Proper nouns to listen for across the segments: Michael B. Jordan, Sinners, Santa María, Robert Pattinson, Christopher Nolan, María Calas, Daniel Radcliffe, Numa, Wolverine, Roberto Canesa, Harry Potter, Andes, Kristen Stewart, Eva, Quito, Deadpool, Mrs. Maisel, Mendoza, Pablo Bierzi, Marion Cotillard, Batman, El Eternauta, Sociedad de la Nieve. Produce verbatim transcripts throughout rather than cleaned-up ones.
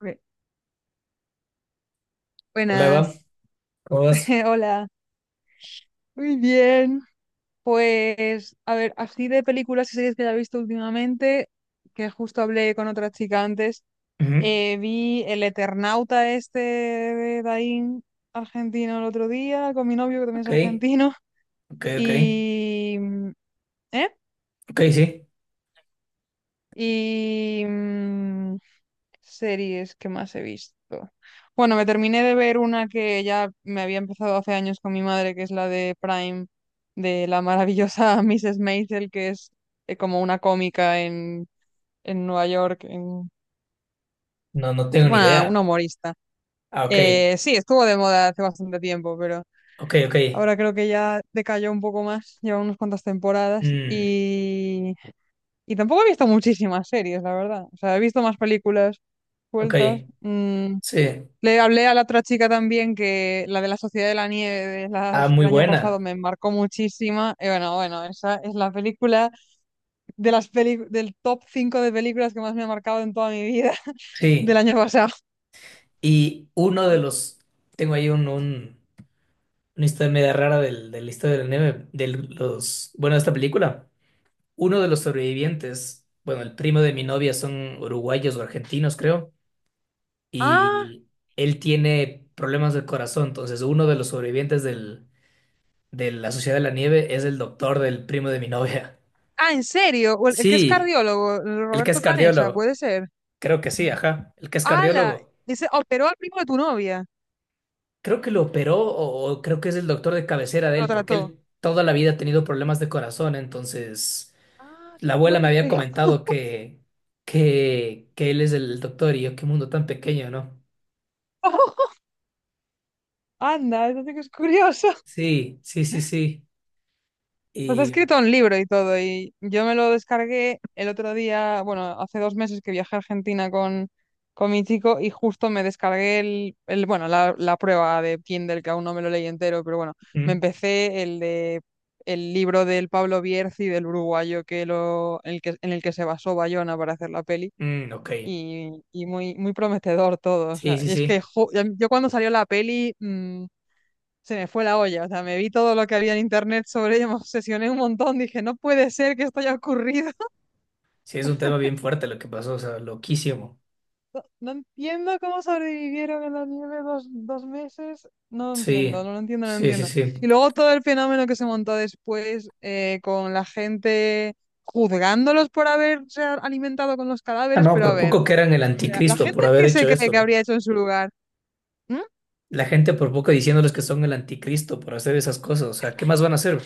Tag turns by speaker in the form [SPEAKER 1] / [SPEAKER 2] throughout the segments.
[SPEAKER 1] Bue-
[SPEAKER 2] Hola Eva,
[SPEAKER 1] Buenas.
[SPEAKER 2] ¿cómo vas?
[SPEAKER 1] Hola, muy bien. Pues, a ver, así de películas y series que haya visto últimamente, que justo hablé con otra chica antes,
[SPEAKER 2] Ujú.
[SPEAKER 1] eh, vi El Eternauta este de Daín, argentino, el otro día, con mi novio, que también es
[SPEAKER 2] Ok,
[SPEAKER 1] argentino.
[SPEAKER 2] ok, ok,
[SPEAKER 1] y... mm, ¿Eh?
[SPEAKER 2] ok, sí.
[SPEAKER 1] Y... mm, series que más he visto. Bueno, me terminé de ver una que ya me había empezado hace años con mi madre, que es la de Prime, de la maravillosa missus Maisel, que es, eh, como una cómica en, en Nueva York, en,
[SPEAKER 2] No, no tengo ni
[SPEAKER 1] bueno, una
[SPEAKER 2] idea.
[SPEAKER 1] humorista.
[SPEAKER 2] Ah, ok,
[SPEAKER 1] Eh, sí, estuvo de moda hace bastante tiempo, pero
[SPEAKER 2] ok, ok.
[SPEAKER 1] ahora creo que ya decayó un poco más, lleva unas cuantas temporadas,
[SPEAKER 2] Mm,
[SPEAKER 1] y, y tampoco he visto muchísimas series, la verdad. O sea, he visto más películas
[SPEAKER 2] ok,
[SPEAKER 1] sueltas. mm,
[SPEAKER 2] sí.
[SPEAKER 1] Le hablé a la otra chica también, que la de la Sociedad de la Nieve de
[SPEAKER 2] Ah,
[SPEAKER 1] las- del
[SPEAKER 2] muy
[SPEAKER 1] año pasado
[SPEAKER 2] buena,
[SPEAKER 1] me marcó muchísima. Y bueno, bueno, esa es la película de las peli del top cinco de películas que más me ha marcado en toda mi vida, del
[SPEAKER 2] sí.
[SPEAKER 1] año pasado.
[SPEAKER 2] Y uno de
[SPEAKER 1] Sí.
[SPEAKER 2] los, tengo ahí un, un- una historia media rara del, de la historia del nieve, de los, bueno, de esta película. Uno de los sobrevivientes, bueno, el primo de mi novia son uruguayos o argentinos, creo,
[SPEAKER 1] Ah,
[SPEAKER 2] y él tiene problemas del corazón, entonces uno de los sobrevivientes del de la Sociedad de la Nieve es el doctor del primo de mi novia.
[SPEAKER 1] ah, ¿en serio? O El, el que es
[SPEAKER 2] Sí,
[SPEAKER 1] cardiólogo, el
[SPEAKER 2] el que es
[SPEAKER 1] Roberto Canesa,
[SPEAKER 2] cardiólogo.
[SPEAKER 1] puede ser.
[SPEAKER 2] Creo que sí, ajá. El que es
[SPEAKER 1] ¡Hala!
[SPEAKER 2] cardiólogo.
[SPEAKER 1] Ese operó al primo de tu novia.
[SPEAKER 2] Creo que lo operó o, o creo que es el doctor de cabecera de
[SPEAKER 1] Lo
[SPEAKER 2] él, porque
[SPEAKER 1] trató.
[SPEAKER 2] él toda la vida ha tenido problemas de corazón. Entonces,
[SPEAKER 1] ¡Ah,
[SPEAKER 2] la
[SPEAKER 1] qué
[SPEAKER 2] abuela me había
[SPEAKER 1] fuerte!
[SPEAKER 2] comentado que, que, que él es el doctor y yo, qué mundo tan pequeño, ¿no?
[SPEAKER 1] ¡Anda, eso sí que es curioso!
[SPEAKER 2] Sí, sí, sí, sí.
[SPEAKER 1] Pues ha
[SPEAKER 2] Y...
[SPEAKER 1] escrito un libro y todo, y yo me lo descargué el otro día, bueno, hace dos meses que viajé a Argentina con, con mi chico, y justo me descargué el, el bueno, la, la prueba de Kindle, que aún no me lo leí entero, pero bueno, me
[SPEAKER 2] mm,
[SPEAKER 1] empecé el de el libro del Pablo Bierzi, del uruguayo que lo, el que, en el que se basó Bayona para hacer la peli,
[SPEAKER 2] mm, ok.
[SPEAKER 1] y, y muy, muy prometedor todo, o
[SPEAKER 2] Sí,
[SPEAKER 1] sea,
[SPEAKER 2] sí,
[SPEAKER 1] y es que
[SPEAKER 2] sí.
[SPEAKER 1] jo- yo, cuando salió la peli... mm, se me fue la olla. O sea, me vi todo lo que había en internet sobre ella, me obsesioné un montón. Dije, no puede ser que esto haya ocurrido.
[SPEAKER 2] Sí, es un tema bien fuerte lo que pasó, o sea, loquísimo.
[SPEAKER 1] No entiendo cómo sobrevivieron en la nieve dos, dos meses. No lo entiendo,
[SPEAKER 2] Sí,
[SPEAKER 1] no lo entiendo, no lo
[SPEAKER 2] sí, sí,
[SPEAKER 1] entiendo.
[SPEAKER 2] sí.
[SPEAKER 1] Y luego todo el fenómeno que se montó después, eh, con la gente juzgándolos por haberse a- alimentado con los
[SPEAKER 2] Ah,
[SPEAKER 1] cadáveres,
[SPEAKER 2] no,
[SPEAKER 1] pero a
[SPEAKER 2] por
[SPEAKER 1] ver,
[SPEAKER 2] poco que eran el
[SPEAKER 1] o sea, la
[SPEAKER 2] anticristo
[SPEAKER 1] gente
[SPEAKER 2] por haber
[SPEAKER 1] que se
[SPEAKER 2] hecho
[SPEAKER 1] cree que
[SPEAKER 2] eso.
[SPEAKER 1] habría hecho en su lugar. ¿Mm?
[SPEAKER 2] La gente por poco diciéndoles que son el anticristo por hacer esas cosas. O sea, ¿qué más van a hacer?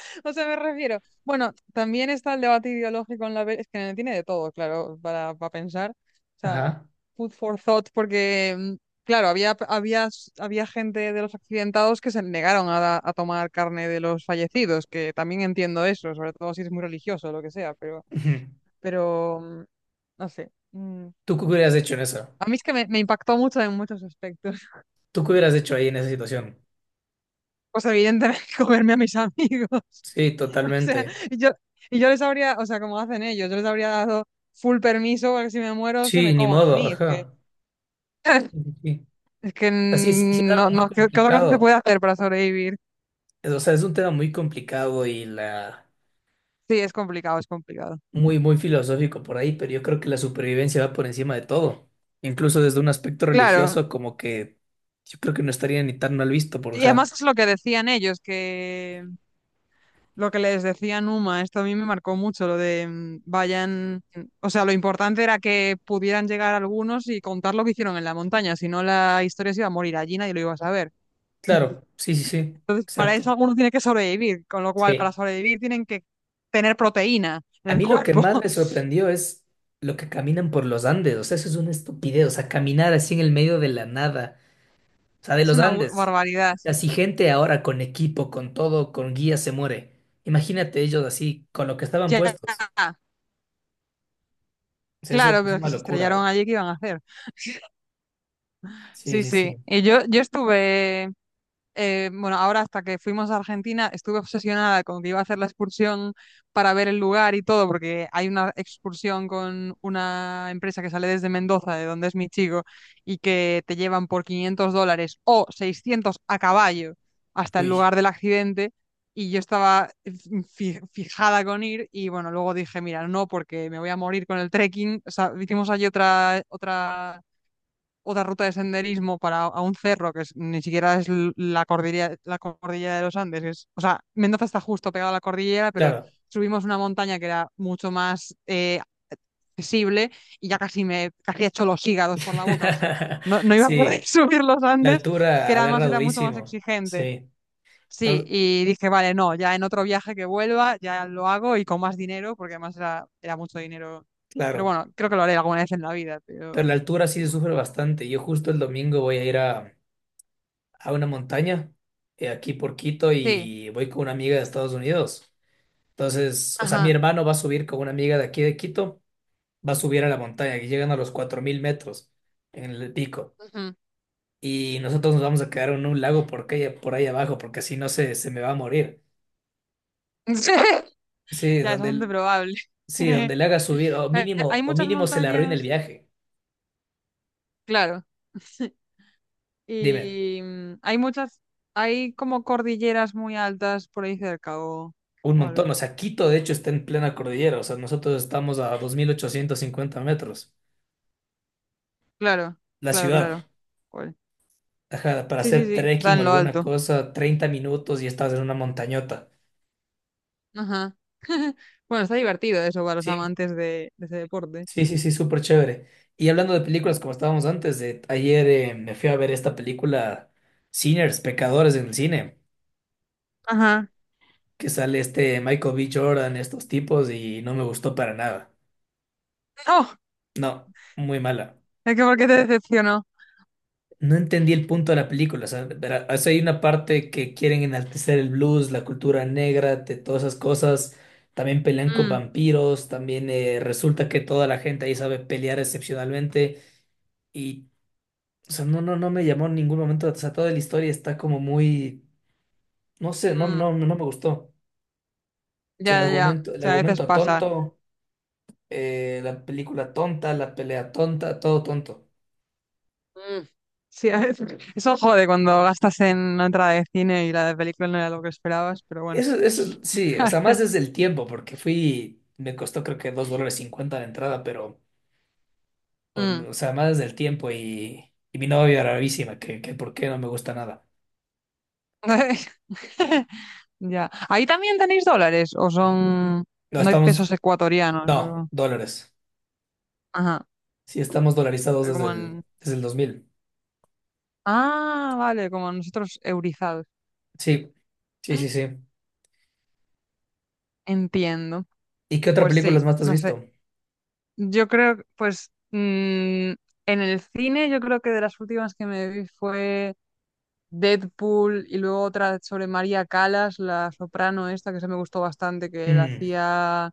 [SPEAKER 1] O sea, me refiero. Bueno, también está el debate ideológico en la peli. Es que no tiene de todo, claro, para, para pensar. O sea,
[SPEAKER 2] Ajá.
[SPEAKER 1] food for thought, porque, mm, claro, había, había, había gente de los accidentados que se negaron a, a tomar carne de los fallecidos, que también entiendo eso, sobre todo si es muy religioso o lo que sea, pero,
[SPEAKER 2] Ujú.
[SPEAKER 1] pero mm, no sé. mm.
[SPEAKER 2] ¿Tú qué hubieras hecho en esa?
[SPEAKER 1] A mí es que me, me impactó mucho en muchos aspectos.
[SPEAKER 2] ¿Tú qué hubieras hecho ahí en esa situación?
[SPEAKER 1] Pues evidentemente comerme a mis amigos.
[SPEAKER 2] Sí,
[SPEAKER 1] O sea,
[SPEAKER 2] totalmente.
[SPEAKER 1] y yo, y yo les habría, o sea, como hacen ellos, yo les habría dado full permiso para que, si me muero, se
[SPEAKER 2] Sí,
[SPEAKER 1] me
[SPEAKER 2] ni
[SPEAKER 1] coman a
[SPEAKER 2] modo,
[SPEAKER 1] mí. Es que,
[SPEAKER 2] ajá. Sí.
[SPEAKER 1] es que
[SPEAKER 2] Así es, sí sí, sí es algo
[SPEAKER 1] no,
[SPEAKER 2] muy
[SPEAKER 1] no, ¿qué, qué otra cosa se
[SPEAKER 2] complicado.
[SPEAKER 1] puede hacer para sobrevivir?
[SPEAKER 2] Es- O sea, es un tema muy complicado y la
[SPEAKER 1] Sí, es complicado, es complicado.
[SPEAKER 2] muy, muy filosófico por ahí, pero yo creo que la supervivencia va por encima de todo. Incluso desde un aspecto
[SPEAKER 1] Claro.
[SPEAKER 2] religioso, como que yo creo que no estaría ni tan mal visto, por, o
[SPEAKER 1] Y
[SPEAKER 2] sea,
[SPEAKER 1] además es lo que decían ellos, que lo que les decía Numa, esto a mí me marcó mucho, lo de mm, vayan, o sea, lo importante era que pudieran llegar algunos y contar lo que hicieron en la montaña, si no, la historia se iba a morir allí, nadie lo iba a saber.
[SPEAKER 2] claro, sí, sí, sí,
[SPEAKER 1] Para eso
[SPEAKER 2] exacto.
[SPEAKER 1] alguno tiene que sobrevivir, con lo cual, para
[SPEAKER 2] Sí.
[SPEAKER 1] sobrevivir, tienen que tener proteína en
[SPEAKER 2] A
[SPEAKER 1] el
[SPEAKER 2] mí lo que
[SPEAKER 1] cuerpo.
[SPEAKER 2] más me sorprendió es lo que caminan por los Andes. O sea, eso es una estupidez. O sea, caminar así en el medio de la nada. O sea, de
[SPEAKER 1] Es
[SPEAKER 2] los
[SPEAKER 1] una bu-
[SPEAKER 2] Andes.
[SPEAKER 1] barbaridad, sí.
[SPEAKER 2] Así gente ahora con equipo, con todo, con guía se muere. Imagínate ellos así, con lo que estaban
[SPEAKER 1] Ya,
[SPEAKER 2] puestos. O sea, eso
[SPEAKER 1] claro,
[SPEAKER 2] es
[SPEAKER 1] pero es
[SPEAKER 2] una
[SPEAKER 1] que se
[SPEAKER 2] locura, bro.
[SPEAKER 1] estrellaron allí, ¿qué iban a hacer?
[SPEAKER 2] Sí,
[SPEAKER 1] Sí,
[SPEAKER 2] sí,
[SPEAKER 1] sí.
[SPEAKER 2] sí.
[SPEAKER 1] Y yo, yo estuve, eh, bueno, ahora, hasta que fuimos a Argentina, estuve obsesionada con que iba a hacer la excursión para ver el lugar y todo, porque hay una excursión con una empresa que sale desde Mendoza, de donde es mi chico, y que te llevan por quinientos dólares o seiscientos a caballo hasta el
[SPEAKER 2] Uy,
[SPEAKER 1] lugar del accidente. Y yo estaba fi- fijada con ir, y bueno, luego dije, mira, no, porque me voy a morir con el trekking. O sea, hicimos allí otra, otra otra ruta de senderismo para a un cerro que es- ni siquiera es l- la cordillera, la cordillera, de los Andes. Es- o sea, Mendoza está justo pegado a la cordillera, pero
[SPEAKER 2] claro.
[SPEAKER 1] subimos una montaña que era mucho más, eh, accesible, y ya casi me casi he hecho los hígados por la boca. O sea, no, no iba a
[SPEAKER 2] Sí,
[SPEAKER 1] poder subir los
[SPEAKER 2] la
[SPEAKER 1] Andes, que
[SPEAKER 2] altura
[SPEAKER 1] era- además
[SPEAKER 2] agarra
[SPEAKER 1] era mucho más
[SPEAKER 2] durísimo.
[SPEAKER 1] exigente.
[SPEAKER 2] Sí,
[SPEAKER 1] Sí,
[SPEAKER 2] entonces,
[SPEAKER 1] y dije, vale, no, ya, en otro viaje que vuelva, ya lo hago, y con más dinero, porque además era, era mucho dinero. Pero
[SPEAKER 2] claro.
[SPEAKER 1] bueno, creo que lo haré alguna vez en la vida,
[SPEAKER 2] Pero
[SPEAKER 1] pero
[SPEAKER 2] la altura sí se
[SPEAKER 1] sí.
[SPEAKER 2] sufre bastante. Yo justo el domingo voy a ir a, a una montaña, eh, aquí por Quito,
[SPEAKER 1] Sí.
[SPEAKER 2] y voy con una amiga de Estados Unidos. Entonces, o sea, mi
[SPEAKER 1] Ajá.
[SPEAKER 2] hermano va a subir con una amiga de aquí de Quito, va a subir a la montaña, que llegan a los cuatro mil metros en el pico.
[SPEAKER 1] Ujú.
[SPEAKER 2] Y nosotros nos vamos a quedar en un lago porque, por ahí abajo, porque si no se, se me va a morir. Sí,
[SPEAKER 1] Ya, es
[SPEAKER 2] donde,
[SPEAKER 1] bastante
[SPEAKER 2] el-
[SPEAKER 1] probable.
[SPEAKER 2] sí, donde le haga subir, o
[SPEAKER 1] Eh, Hay
[SPEAKER 2] mínimo, o
[SPEAKER 1] muchas
[SPEAKER 2] mínimo se le arruine el
[SPEAKER 1] montañas,
[SPEAKER 2] viaje.
[SPEAKER 1] claro,
[SPEAKER 2] Dime.
[SPEAKER 1] y mm, hay muchas, hay como cordilleras muy altas por ahí cerca, o,
[SPEAKER 2] Un
[SPEAKER 1] o
[SPEAKER 2] montón,
[SPEAKER 1] algo.
[SPEAKER 2] o sea, Quito de hecho está en plena cordillera, o sea, nosotros estamos a dos mil ochocientos cincuenta metros,
[SPEAKER 1] Claro,
[SPEAKER 2] la
[SPEAKER 1] claro,
[SPEAKER 2] ciudad.
[SPEAKER 1] claro. Joder.
[SPEAKER 2] Ajá, para
[SPEAKER 1] Sí, sí,
[SPEAKER 2] hacer
[SPEAKER 1] sí, está
[SPEAKER 2] trekking o
[SPEAKER 1] en lo
[SPEAKER 2] alguna
[SPEAKER 1] alto.
[SPEAKER 2] cosa, treinta minutos y estás en una montañota.
[SPEAKER 1] Ajá. Bueno, está divertido eso para los
[SPEAKER 2] Sí,
[SPEAKER 1] amantes de, de ese deporte.
[SPEAKER 2] sí, sí, sí, súper chévere. Y hablando de películas, como estábamos antes, de, ayer eh, me fui a ver esta película Sinners, Pecadores en el cine,
[SPEAKER 1] Ajá.
[SPEAKER 2] que sale este Michael B. Jordan, estos tipos, y no me gustó para nada.
[SPEAKER 1] Oh,
[SPEAKER 2] No, muy mala.
[SPEAKER 1] es que, ¿por qué te decepcionó?
[SPEAKER 2] No entendí el punto de la película. O sea, verá, o sea, hay una parte que quieren enaltecer el blues, la cultura negra, de todas esas cosas. También pelean con
[SPEAKER 1] Mm,
[SPEAKER 2] vampiros. También eh, resulta que toda la gente ahí sabe pelear excepcionalmente. Y, o sea, no, no, no me llamó en ningún momento. O sea, toda la historia está como muy. No sé, no,
[SPEAKER 1] mm,
[SPEAKER 2] no, no me gustó. O sea,
[SPEAKER 1] ya,
[SPEAKER 2] el
[SPEAKER 1] ya, ya.
[SPEAKER 2] argumento,
[SPEAKER 1] O
[SPEAKER 2] el
[SPEAKER 1] sea, a veces
[SPEAKER 2] argumento
[SPEAKER 1] pasa.
[SPEAKER 2] tonto, eh, la película tonta, la pelea tonta, todo tonto.
[SPEAKER 1] Mm. Sí, a veces- eso jode cuando gastas en una entrada de cine y la de película no era lo que esperabas, pero bueno.
[SPEAKER 2] Eso, eso, sí, o
[SPEAKER 1] A
[SPEAKER 2] sea, más
[SPEAKER 1] ver.
[SPEAKER 2] desde el tiempo, porque fui, me costó creo que dos dólares cincuenta la entrada, pero, o
[SPEAKER 1] mm.
[SPEAKER 2] o sea, más desde el tiempo y, y mi novia bravísima, que, que por qué no me gusta nada.
[SPEAKER 1] Ya. ¿Ahí también tenéis dólares? ¿O son...
[SPEAKER 2] No,
[SPEAKER 1] ¿No hay
[SPEAKER 2] estamos,
[SPEAKER 1] pesos ecuatorianos?
[SPEAKER 2] no,
[SPEAKER 1] o-
[SPEAKER 2] dólares.
[SPEAKER 1] Ajá.
[SPEAKER 2] Sí, estamos dolarizados
[SPEAKER 1] pero
[SPEAKER 2] desde
[SPEAKER 1] Como
[SPEAKER 2] el,
[SPEAKER 1] en...
[SPEAKER 2] desde el dos mil.
[SPEAKER 1] Ah, vale, como nosotros, eurizados.
[SPEAKER 2] Sí, sí, sí, sí.
[SPEAKER 1] Entiendo.
[SPEAKER 2] ¿Y qué otra
[SPEAKER 1] Pues
[SPEAKER 2] película
[SPEAKER 1] sí,
[SPEAKER 2] más te has
[SPEAKER 1] no sé.
[SPEAKER 2] visto?
[SPEAKER 1] Yo creo, pues, mm, en el cine, yo creo que de las últimas que me vi fue... Deadpool, y luego otra sobre María Calas, la soprano esta, que se me gustó bastante, que la
[SPEAKER 2] Mm,
[SPEAKER 1] hacía,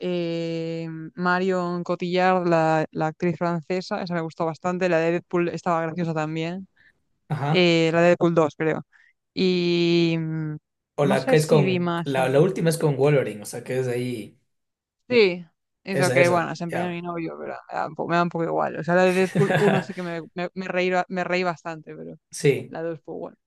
[SPEAKER 1] eh, Marion Cotillard, la, la actriz francesa. Esa me gustó bastante. La de Deadpool estaba graciosa también,
[SPEAKER 2] ajá.
[SPEAKER 1] eh, la de Deadpool dos, creo. Y mm,
[SPEAKER 2] O
[SPEAKER 1] no
[SPEAKER 2] la que
[SPEAKER 1] sé
[SPEAKER 2] es
[SPEAKER 1] si vi
[SPEAKER 2] con,
[SPEAKER 1] más.
[SPEAKER 2] la, la
[SPEAKER 1] en-
[SPEAKER 2] última es con Wolverine, o sea, que es ahí,
[SPEAKER 1] Sí, eso,
[SPEAKER 2] esa,
[SPEAKER 1] que
[SPEAKER 2] esa,
[SPEAKER 1] bueno, se empeñó mi
[SPEAKER 2] ya.
[SPEAKER 1] novio, pero me da un poco, me da un poco igual. O sea, la de Deadpool uno sí que me, me, me reí, ba- me reí bastante, pero
[SPEAKER 2] Sí,
[SPEAKER 1] la dos, pues bueno.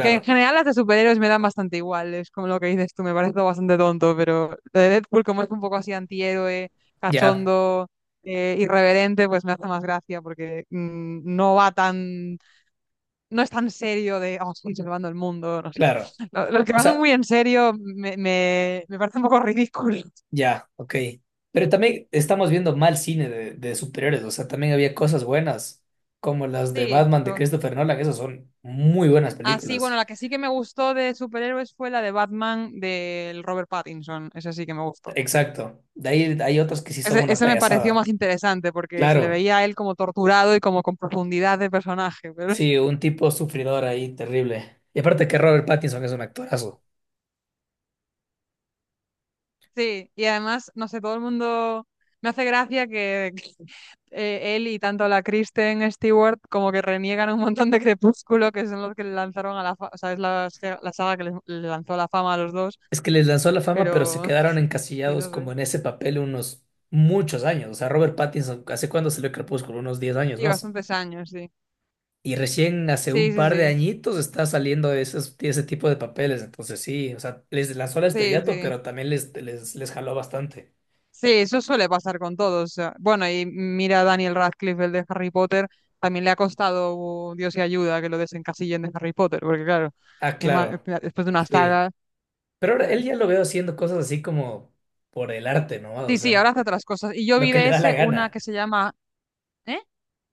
[SPEAKER 1] Que en general las de superhéroes me dan bastante igual, es como lo que dices tú, me parece todo bastante tonto, pero lo de Deadpool, como es un poco así antihéroe,
[SPEAKER 2] ya,
[SPEAKER 1] cachondo, eh, irreverente, pues me hace más gracia, porque mm, no va tan, no es tan serio de, oh, estoy salvando el mundo, no sé.
[SPEAKER 2] claro.
[SPEAKER 1] Lo- Los que
[SPEAKER 2] O
[SPEAKER 1] van
[SPEAKER 2] sea,
[SPEAKER 1] muy en serio me, me, me parece un poco ridículo.
[SPEAKER 2] ya, ok. Pero también estamos viendo mal cine de, de superiores, o sea, también había cosas buenas, como las de
[SPEAKER 1] Sí.
[SPEAKER 2] Batman de
[SPEAKER 1] co-
[SPEAKER 2] Christopher Nolan, esas son muy buenas
[SPEAKER 1] Ah, sí, bueno,
[SPEAKER 2] películas.
[SPEAKER 1] la que sí que me gustó de superhéroes fue la de Batman, del Robert Pattinson, esa sí que me gustó.
[SPEAKER 2] Exacto. De ahí hay otras que sí son
[SPEAKER 1] Ese,
[SPEAKER 2] una
[SPEAKER 1] ese me pareció
[SPEAKER 2] payasada.
[SPEAKER 1] más interesante porque se le
[SPEAKER 2] Claro,
[SPEAKER 1] veía a él como torturado y como con profundidad de personaje. Pero,
[SPEAKER 2] sí, un tipo sufridor ahí, terrible. Y aparte que Robert Pattinson es un actorazo.
[SPEAKER 1] sí, y además, no sé, todo el mundo me hace gracia que, eh, él, y tanto la Kristen Stewart, como que reniegan un montón de Crepúsculo, que son los que le lanzaron a la fama, o sea, es la, se- la saga que les- le lanzó a la fama a los dos,
[SPEAKER 2] Es que les lanzó la fama, pero se
[SPEAKER 1] pero,
[SPEAKER 2] quedaron
[SPEAKER 1] sí,
[SPEAKER 2] encasillados
[SPEAKER 1] no
[SPEAKER 2] como
[SPEAKER 1] sé.
[SPEAKER 2] en ese papel unos muchos años. O sea, Robert Pattinson, ¿hace cuándo salió Crepúsculo? Unos diez años
[SPEAKER 1] Sí,
[SPEAKER 2] más.
[SPEAKER 1] bastantes años, sí.
[SPEAKER 2] Y recién hace
[SPEAKER 1] Sí,
[SPEAKER 2] un
[SPEAKER 1] sí,
[SPEAKER 2] par de
[SPEAKER 1] sí.
[SPEAKER 2] añitos está saliendo de esos- de ese tipo de papeles. Entonces sí, o sea, les lanzó el
[SPEAKER 1] Sí,
[SPEAKER 2] estrellato,
[SPEAKER 1] sí.
[SPEAKER 2] pero también les, les, les jaló bastante.
[SPEAKER 1] Sí, eso suele pasar con todos. O sea, bueno, y mira a Daniel Radcliffe, el de Harry Potter, también le ha costado, uh, Dios y ayuda, que lo desencasillen de Harry Potter, porque claro,
[SPEAKER 2] Ah,
[SPEAKER 1] ema-
[SPEAKER 2] claro.
[SPEAKER 1] después de una
[SPEAKER 2] Sí.
[SPEAKER 1] saga.
[SPEAKER 2] Pero ahora
[SPEAKER 1] eh,
[SPEAKER 2] él ya lo veo haciendo cosas así como por el arte, ¿no? O
[SPEAKER 1] Sí, sí,
[SPEAKER 2] sea,
[SPEAKER 1] ahora hace otras cosas. Y yo
[SPEAKER 2] lo
[SPEAKER 1] vi
[SPEAKER 2] que le
[SPEAKER 1] de
[SPEAKER 2] da la
[SPEAKER 1] ese una que
[SPEAKER 2] gana.
[SPEAKER 1] se llama. ¿Eh?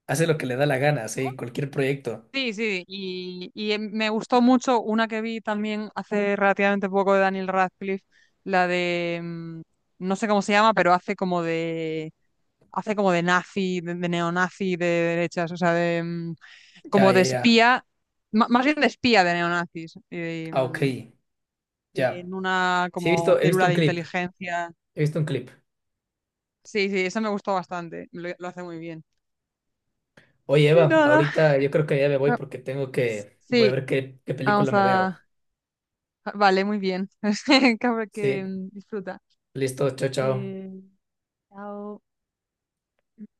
[SPEAKER 2] Hace lo que le da la gana,
[SPEAKER 1] ¿Cómo?
[SPEAKER 2] sí, cualquier proyecto.
[SPEAKER 1] Sí, sí, y, y em- me gustó mucho una que vi también hace relativamente poco de Daniel Radcliffe, la de. mm, No sé cómo se llama, pero hace como de. Hace como de nazi, de, de neonazi, de derechas, o sea, de, mm,
[SPEAKER 2] Ya,
[SPEAKER 1] como de
[SPEAKER 2] ya, ya.
[SPEAKER 1] espía, ma- más bien de espía de neonazis, eh,
[SPEAKER 2] Ah, ok.
[SPEAKER 1] mm,
[SPEAKER 2] Ya.
[SPEAKER 1] en una
[SPEAKER 2] Sí, he
[SPEAKER 1] como
[SPEAKER 2] visto, he visto
[SPEAKER 1] célula
[SPEAKER 2] un
[SPEAKER 1] de
[SPEAKER 2] clip.
[SPEAKER 1] inteligencia.
[SPEAKER 2] He visto un clip.
[SPEAKER 1] Sí, sí, eso me gustó bastante, lo, lo hace muy bien.
[SPEAKER 2] Oye,
[SPEAKER 1] Y
[SPEAKER 2] Eva,
[SPEAKER 1] nada.
[SPEAKER 2] ahorita yo creo que ya me voy
[SPEAKER 1] ah,
[SPEAKER 2] porque tengo que, voy a
[SPEAKER 1] Sí,
[SPEAKER 2] ver qué, qué película
[SPEAKER 1] vamos
[SPEAKER 2] me veo.
[SPEAKER 1] a... vale, muy bien. Cabra que,
[SPEAKER 2] Sí.
[SPEAKER 1] mm, disfruta.
[SPEAKER 2] Listo, chao, chao.
[SPEAKER 1] Eh,